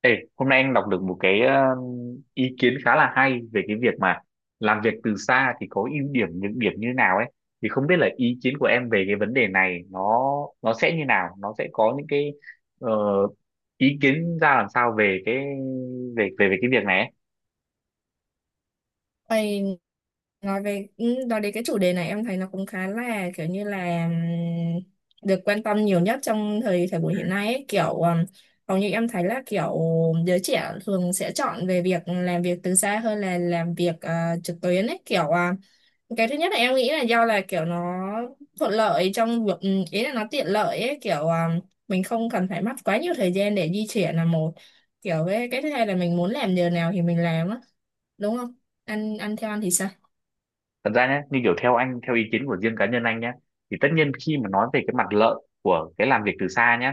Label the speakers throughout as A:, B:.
A: Ê, hôm nay anh đọc được một cái ý kiến khá là hay về cái việc mà làm việc từ xa thì có ưu điểm nhược điểm như thế nào ấy, thì không biết là ý kiến của em về cái vấn đề này nó sẽ như nào, nó sẽ có những cái ờ, ý kiến ra làm sao về cái về về về cái việc này ấy.
B: Ây, nói nói đến cái chủ đề này em thấy nó cũng khá là kiểu như là được quan tâm nhiều nhất trong thời thời buổi
A: Ừ.
B: hiện nay ấy. Kiểu, hầu như em thấy là kiểu giới trẻ thường sẽ chọn về việc làm việc từ xa hơn là làm việc trực tuyến ấy, kiểu cái thứ nhất là em nghĩ là do là kiểu nó thuận lợi trong việc, ý là nó tiện lợi ấy, kiểu à, mình không cần phải mất quá nhiều thời gian để di chuyển là một kiểu. Với cái thứ hai là mình muốn làm giờ nào thì mình làm á, đúng không? Ăn ăn theo ăn thì sao?
A: Thật ra nhé, như kiểu theo anh, theo ý kiến của riêng cá nhân anh nhé, thì tất nhiên khi mà nói về cái mặt lợi của cái làm việc từ xa nhé,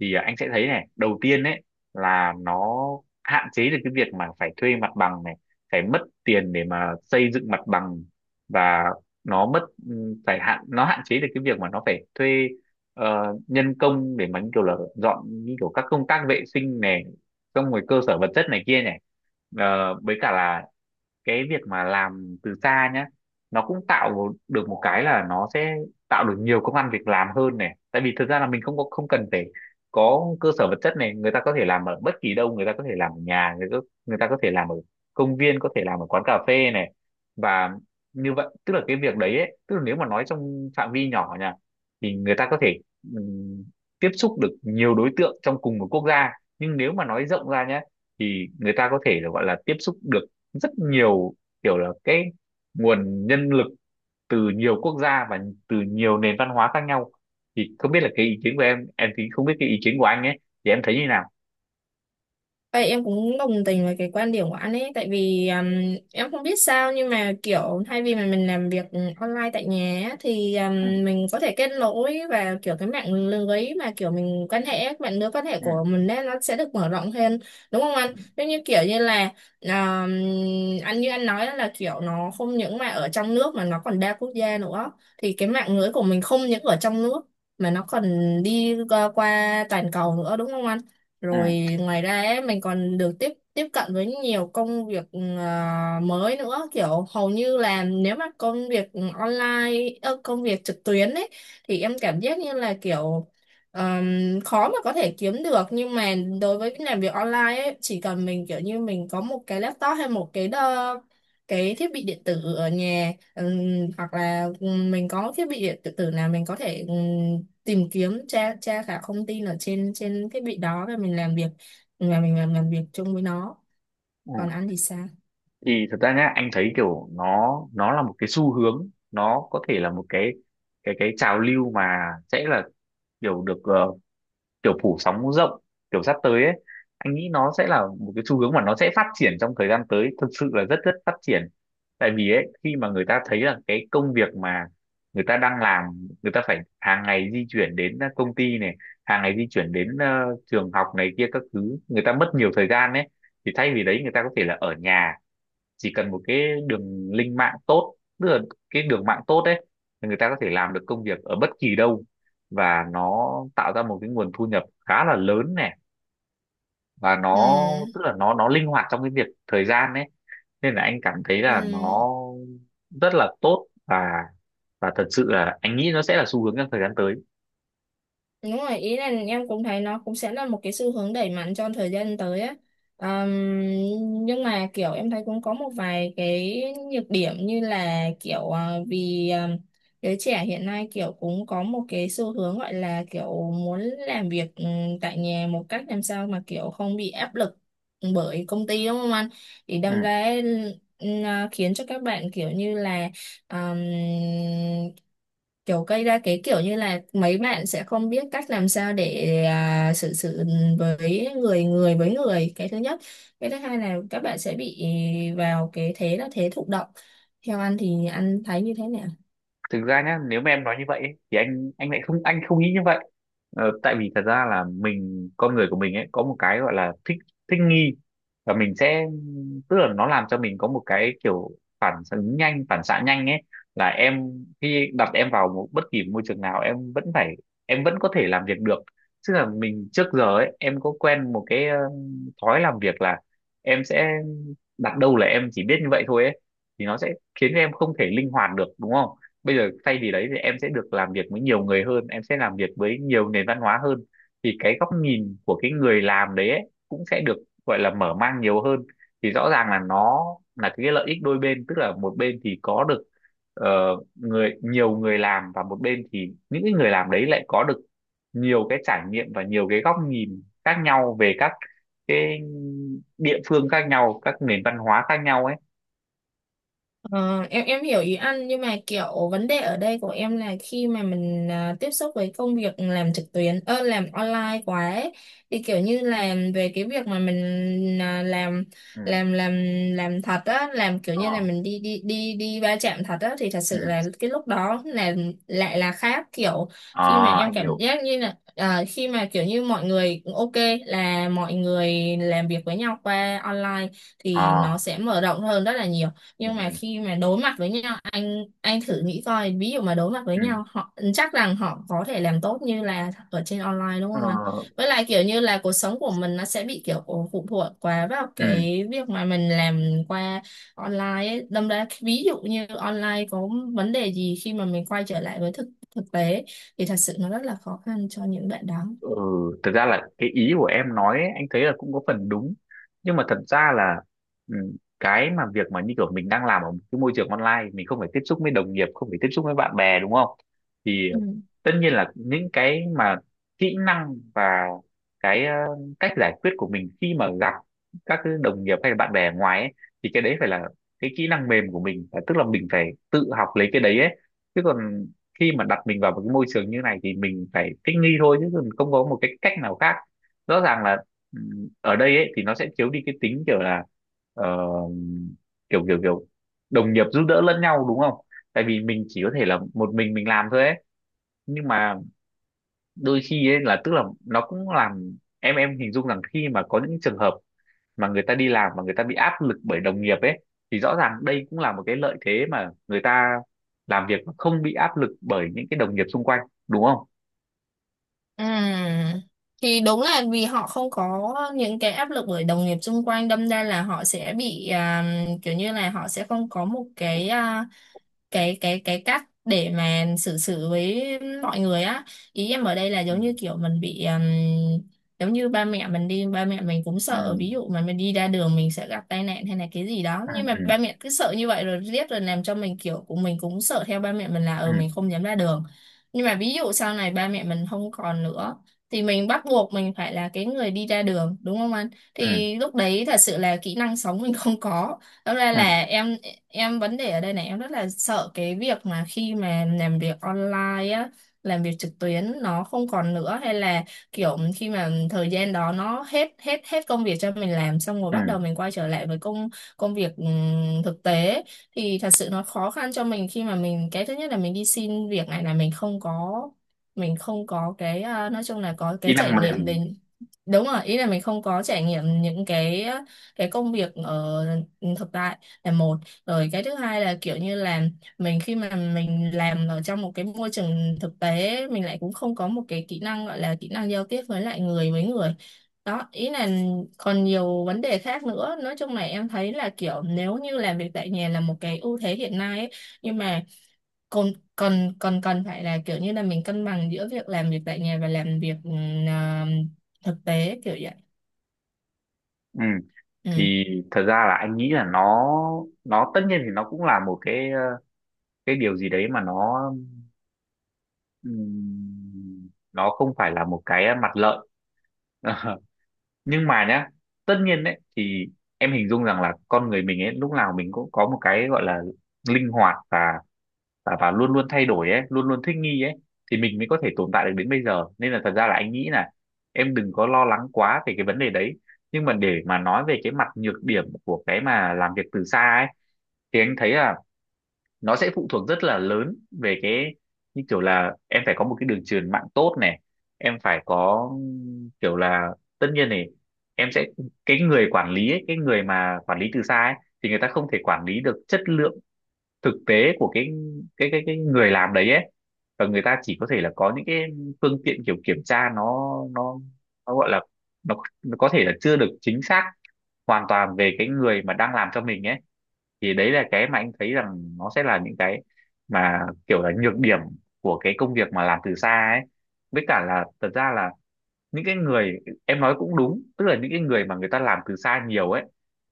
A: thì anh sẽ thấy này, đầu tiên ấy là nó hạn chế được cái việc mà phải thuê mặt bằng này, phải mất tiền để mà xây dựng mặt bằng, và nó mất phải hạn nó hạn chế được cái việc mà nó phải thuê nhân công để mà như kiểu là dọn, như kiểu các công tác vệ sinh này, xong rồi cơ sở vật chất này kia này. Ờ, với cả là cái việc mà làm từ xa nhá, nó cũng được một cái là nó sẽ tạo được nhiều công ăn việc làm hơn này, tại vì thực ra là mình không có không cần phải có cơ sở vật chất này, người ta có thể làm ở bất kỳ đâu, người ta có thể làm ở nhà người ta có thể làm ở công viên, có thể làm ở quán cà phê này. Và như vậy tức là cái việc đấy ấy, tức là nếu mà nói trong phạm vi nhỏ nha, thì người ta có thể ừm, tiếp xúc được nhiều đối tượng trong cùng một quốc gia, nhưng nếu mà nói rộng ra nhé, thì người ta có thể là gọi là tiếp xúc được rất nhiều kiểu là cái nguồn nhân lực từ nhiều quốc gia và từ nhiều nền văn hóa khác nhau. Thì không biết là cái ý kiến của em thì không biết cái ý kiến của anh ấy thì em thấy như nào?
B: Vậy em cũng đồng tình với cái quan điểm của anh ấy, tại vì em không biết sao nhưng mà kiểu thay vì mà mình làm việc online tại nhà á, thì
A: Ừ,
B: mình có thể kết nối, và kiểu cái mạng lưới mà kiểu mình quan hệ, mạng lưới quan hệ
A: ừ,
B: của mình đấy nó sẽ được mở rộng hơn, đúng không anh?
A: ừ,
B: Giống như kiểu như là um, anh như anh nói đó, là kiểu nó không những mà ở trong nước mà nó còn đa quốc gia nữa, thì cái mạng lưới của mình không những ở trong nước mà nó còn đi qua, qua toàn cầu nữa, đúng không anh?
A: ừ.
B: Rồi, ngoài ra ấy, mình còn được tiếp tiếp cận với nhiều công việc à, mới nữa, kiểu hầu như là nếu mà công việc online ơ, công việc trực tuyến ấy thì em cảm giác như là kiểu khó mà có thể kiếm được, nhưng mà đối với cái làm việc online ấy chỉ cần mình kiểu như mình có một cái laptop hay một cái đơ, cái thiết bị điện tử ở nhà, hoặc là mình có thiết bị điện tử nào mình có thể tìm kiếm, tra tra cả thông tin ở trên trên thiết bị đó rồi mình làm việc và mình làm việc chung với nó. Còn
A: Ừ.
B: anh thì sao?
A: Thì thật ra nhá, anh thấy kiểu nó là một cái xu hướng, nó có thể là một cái cái trào lưu mà sẽ là kiểu được kiểu phủ sóng rộng kiểu sắp tới ấy. Anh nghĩ nó sẽ là một cái xu hướng mà nó sẽ phát triển trong thời gian tới, thực sự là rất rất phát triển. Tại vì ấy, khi mà người ta thấy là cái công việc mà người ta đang làm, người ta phải hàng ngày di chuyển đến công ty này, hàng ngày di chuyển đến trường học này kia các thứ, người ta mất nhiều thời gian ấy, thì thay vì đấy người ta có thể là ở nhà, chỉ cần một cái đường link mạng tốt, tức là cái đường mạng tốt đấy, thì người ta có thể làm được công việc ở bất kỳ đâu, và nó tạo ra một cái nguồn thu nhập khá là lớn này. Và nó
B: Ừ.
A: tức là nó linh hoạt trong cái việc thời gian đấy, nên là anh cảm thấy
B: Ừ.
A: là nó rất là tốt. Và thật sự là anh nghĩ nó sẽ là xu hướng trong thời gian tới.
B: Đúng rồi, ý là em cũng thấy nó cũng sẽ là một cái xu hướng đẩy mạnh trong thời gian tới á. Ờm, nhưng mà kiểu em thấy cũng có một vài cái nhược điểm, như là kiểu giới trẻ hiện nay kiểu cũng có một cái xu hướng gọi là kiểu muốn làm việc tại nhà, một cách làm sao mà kiểu không bị áp lực bởi công ty, đúng không anh? Thì
A: Ừ.
B: đâm ra khiến cho các bạn kiểu như là ờm, kiểu gây ra cái kiểu như là mấy bạn sẽ không biết cách làm sao để à, xử sự với người, người với người, cái thứ nhất. Cái thứ hai là các bạn sẽ bị vào cái thế là thế thụ động. Theo anh thì anh thấy như thế nào?
A: Thực ra nhá, nếu mà em nói như vậy ấy, thì anh lại không, anh không nghĩ như vậy. Ờ, tại vì thật ra là mình, con người của mình ấy có một cái gọi là thích thích nghi. Và mình sẽ, tức là nó làm cho mình có một cái kiểu phản ứng nhanh, phản xạ nhanh ấy. Là em khi đặt em vào một bất kỳ môi trường nào, em vẫn phải, em vẫn có thể làm việc được. Tức là mình trước giờ ấy, em có quen một cái thói làm việc là em sẽ đặt đâu là em chỉ biết như vậy thôi ấy, thì nó sẽ khiến em không thể linh hoạt được, đúng không? Bây giờ thay vì đấy thì em sẽ được làm việc với nhiều người hơn, em sẽ làm việc với nhiều nền văn hóa hơn, thì cái góc nhìn của cái người làm đấy ấy, cũng sẽ được gọi là mở mang nhiều hơn. Thì rõ ràng là nó là cái lợi ích đôi bên, tức là một bên thì có được ờ, nhiều người làm, và một bên thì những cái người làm đấy lại có được nhiều cái trải nghiệm và nhiều cái góc nhìn khác nhau về các cái địa phương khác nhau, các nền văn hóa khác nhau ấy.
B: Ờ, em hiểu ý anh, nhưng mà kiểu vấn đề ở đây của em là khi mà mình à, tiếp xúc với công việc làm trực tuyến ơ làm online quá ấy, thì kiểu như là về cái việc mà mình à,
A: Ừ.
B: làm làm làm thật á, làm kiểu
A: Ờ.
B: như là mình đi đi đi đi va chạm thật á, thì thật
A: Ừ.
B: sự là cái lúc đó là lại là khác kiểu.
A: Ờ,
B: Khi mà em
A: anh
B: cảm
A: hiểu.
B: giác như là à, khi mà kiểu như mọi người ok là mọi người làm việc với nhau qua online thì
A: Ờ.
B: nó sẽ mở rộng hơn rất là nhiều,
A: Ừ,
B: nhưng
A: ừ,
B: mà khi mà đối mặt với nhau, anh thử nghĩ coi, ví dụ mà đối mặt với
A: ừ.
B: nhau họ chắc rằng họ có thể làm tốt như là ở trên online, đúng
A: ờ,
B: không anh? Với lại kiểu như là cuộc sống của mình nó sẽ bị kiểu phụ thuộc quá vào
A: ừ,
B: cái việc mà mình làm qua online ấy. Đâm ra ví dụ như online có vấn đề gì, khi mà mình quay trở lại với thực thực tế thì thật sự nó rất là khó khăn cho những bạn đó.
A: ừ. Thực ra là cái ý của em nói ấy, anh thấy là cũng có phần đúng. Nhưng mà thật ra là ừ, cái mà việc mà như kiểu mình đang làm ở một cái môi trường online, mình không phải tiếp xúc với đồng nghiệp, không phải tiếp xúc với bạn bè, đúng không? Thì
B: Ừ.
A: tất nhiên là những cái mà kỹ năng và cái cách giải quyết của mình khi mà gặp các cái đồng nghiệp hay là bạn bè ở ngoài ấy, thì cái đấy phải là cái kỹ năng mềm của mình, tức là mình phải tự học lấy cái đấy ấy. Chứ còn khi mà đặt mình vào một cái môi trường như này thì mình phải thích nghi thôi, chứ còn không có một cái cách nào khác. Rõ ràng là ở đây ấy thì nó sẽ thiếu đi cái tính kiểu là ờ, kiểu kiểu kiểu đồng nghiệp giúp đỡ lẫn nhau, đúng không? Tại vì mình chỉ có thể là một mình làm thôi ấy. Nhưng mà đôi khi ấy, là tức là nó cũng làm em, hình dung rằng khi mà có những trường hợp mà người ta đi làm mà người ta bị áp lực bởi đồng nghiệp ấy, thì rõ ràng đây cũng là một cái lợi thế mà người ta làm việc mà không bị áp lực bởi những cái đồng nghiệp xung quanh, đúng không?
B: À, thì đúng là vì họ không có những cái áp lực bởi đồng nghiệp xung quanh, đâm ra là họ sẽ bị à, kiểu như là họ sẽ không có một cái à, cái cách để mà xử xử với mọi người á. Ý em ở đây là
A: Ừ.
B: giống như kiểu mình bị giống như ba mẹ mình đi, ba mẹ mình cũng sợ
A: Ừ.
B: ví dụ mà mình đi ra đường mình sẽ gặp tai nạn hay là cái gì đó, nhưng mà
A: Ừ.
B: ba mẹ cứ sợ như vậy rồi riết rồi làm cho mình kiểu của mình cũng sợ theo ba mẹ mình, là
A: Ừ.
B: ừ mình không dám ra đường. Nhưng mà ví dụ sau này ba mẹ mình không còn nữa thì mình bắt buộc mình phải là cái người đi ra đường, đúng không anh?
A: Ừ.
B: Thì lúc đấy thật sự là kỹ năng sống mình không có. Đó, ra
A: Ừ. Ừ.
B: là em vấn đề ở đây này, em rất là sợ cái việc mà khi mà làm việc online á, làm việc trực tuyến nó không còn nữa, hay là kiểu khi mà thời gian đó nó hết, hết công việc cho mình làm xong rồi, bắt
A: Ừ.
B: đầu mình quay trở lại với công, công việc thực tế thì thật sự nó khó khăn cho mình, khi mà mình cái thứ nhất là mình đi xin việc này, là mình không có, mình không có cái à, nói chung là có
A: Kỹ
B: cái
A: năng
B: trải nghiệm về.
A: mềm.
B: Đúng rồi, ý là mình không có trải nghiệm những cái công việc ở thực tại là một. Rồi cái thứ hai là kiểu như là mình khi mà mình làm ở trong một cái môi trường thực tế, mình lại cũng không có một cái kỹ năng, gọi là kỹ năng giao tiếp với lại người với người. Đó, ý là còn nhiều vấn đề khác nữa. Nói chung là em thấy là kiểu nếu như làm việc tại nhà là một cái ưu thế hiện nay ấy, nhưng mà còn, còn phải là kiểu như là mình cân bằng giữa việc làm việc tại nhà và làm việc à, thực tế kiểu vậy.
A: Ừ.
B: ừ
A: Thì thật ra là anh nghĩ là nó tất nhiên thì nó cũng là một cái cái điều gì đấy mà nó không phải là một cái mặt lợi. Nhưng mà nhá, tất nhiên đấy thì em hình dung rằng là con người mình ấy lúc nào mình cũng có một cái gọi là linh hoạt, và và luôn luôn thay đổi ấy, luôn luôn thích nghi ấy, thì mình mới có thể tồn tại được đến bây giờ. Nên là thật ra là anh nghĩ là em đừng có lo lắng quá về cái vấn đề đấy. Nhưng mà để mà nói về cái mặt nhược điểm của cái mà làm việc từ xa ấy, thì anh thấy là nó sẽ phụ thuộc rất là lớn về cái, như kiểu là em phải có một cái đường truyền mạng tốt này, em phải có kiểu là, tất nhiên này, em sẽ, cái người quản lý ấy, cái người mà quản lý từ xa ấy, thì người ta không thể quản lý được chất lượng thực tế của cái cái người làm đấy ấy. Và người ta chỉ có thể là có những cái phương tiện kiểu kiểm tra, nó gọi là nó, nó có thể là chưa được chính xác hoàn toàn về cái người mà đang làm cho mình ấy. Thì đấy là cái mà anh thấy rằng nó sẽ là những cái mà kiểu là nhược điểm của cái công việc mà làm từ xa ấy. Với cả là thật ra là những cái người, em nói cũng đúng, tức là những cái người mà người ta làm từ xa nhiều ấy,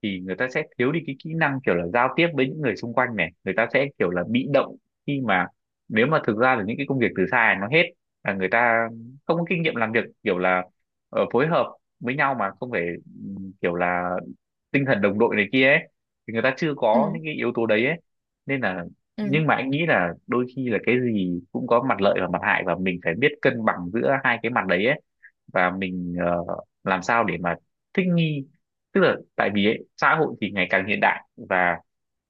A: thì người ta sẽ thiếu đi cái kỹ năng kiểu là giao tiếp với những người xung quanh này, người ta sẽ kiểu là bị động khi mà, nếu mà thực ra là những cái công việc từ xa này nó hết, là người ta không có kinh nghiệm làm việc kiểu là phối hợp với nhau mà không phải ừ, kiểu là tinh thần đồng đội này kia ấy, thì người ta chưa
B: ừ
A: có những cái yếu tố đấy ấy. Nên là,
B: ừ
A: nhưng mà anh nghĩ là đôi khi là cái gì cũng có mặt lợi và mặt hại, và mình phải biết cân bằng giữa hai cái mặt đấy ấy. Và mình làm sao để mà thích nghi, tức là tại vì ấy, xã hội thì ngày càng hiện đại, và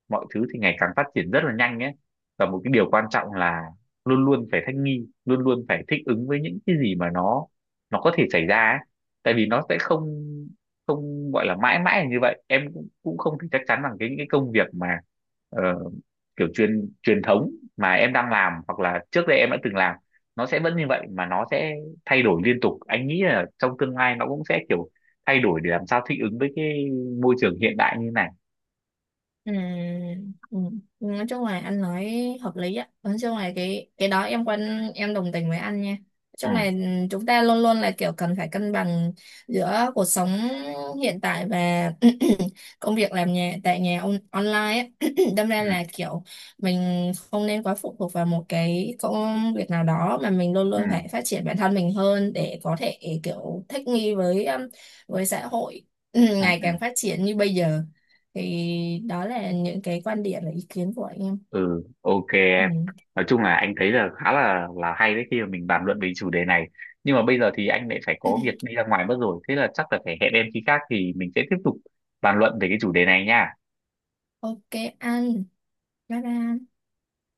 A: mọi thứ thì ngày càng phát triển rất là nhanh ấy. Và một cái điều quan trọng là luôn luôn phải thích nghi, luôn luôn phải thích ứng với những cái gì mà nó có thể xảy ra ấy. Tại vì nó sẽ không, không gọi là mãi mãi là như vậy. Em cũng, cũng không thể chắc chắn rằng cái những cái công việc mà ờ, kiểu truyền truyền thống mà em đang làm hoặc là trước đây em đã từng làm, nó sẽ vẫn như vậy, mà nó sẽ thay đổi liên tục. Anh nghĩ là trong tương lai nó cũng sẽ kiểu thay đổi để làm sao thích ứng với cái môi trường hiện đại như này.
B: Ừ, ừ. Nói chung là anh nói hợp lý á, nói chung là cái đó em quan, em đồng tình với anh nha. Nói
A: Ừ,
B: chung là chúng ta luôn luôn là kiểu cần phải cân bằng giữa cuộc sống hiện tại và công việc làm nhà, tại nhà on online á, đâm ra
A: ừ,
B: là kiểu mình không nên quá phụ thuộc vào một cái công việc nào đó, mà mình luôn
A: ừ,
B: luôn phải phát triển bản thân mình hơn để có thể kiểu thích nghi với xã hội
A: ừ,
B: ngày
A: ừ.
B: càng phát triển như bây giờ. Thì đó là những cái quan điểm và ý kiến của anh em.
A: Ừ, ok
B: Ừ.
A: em. Nói chung là anh thấy là khá là hay đấy khi mà mình bàn luận về chủ đề này. Nhưng mà bây giờ thì anh lại phải có việc đi ra ngoài mất rồi, thế là chắc là phải hẹn em khi khác thì mình sẽ tiếp tục bàn luận về cái chủ đề này nha.
B: Ok anh, bye bye.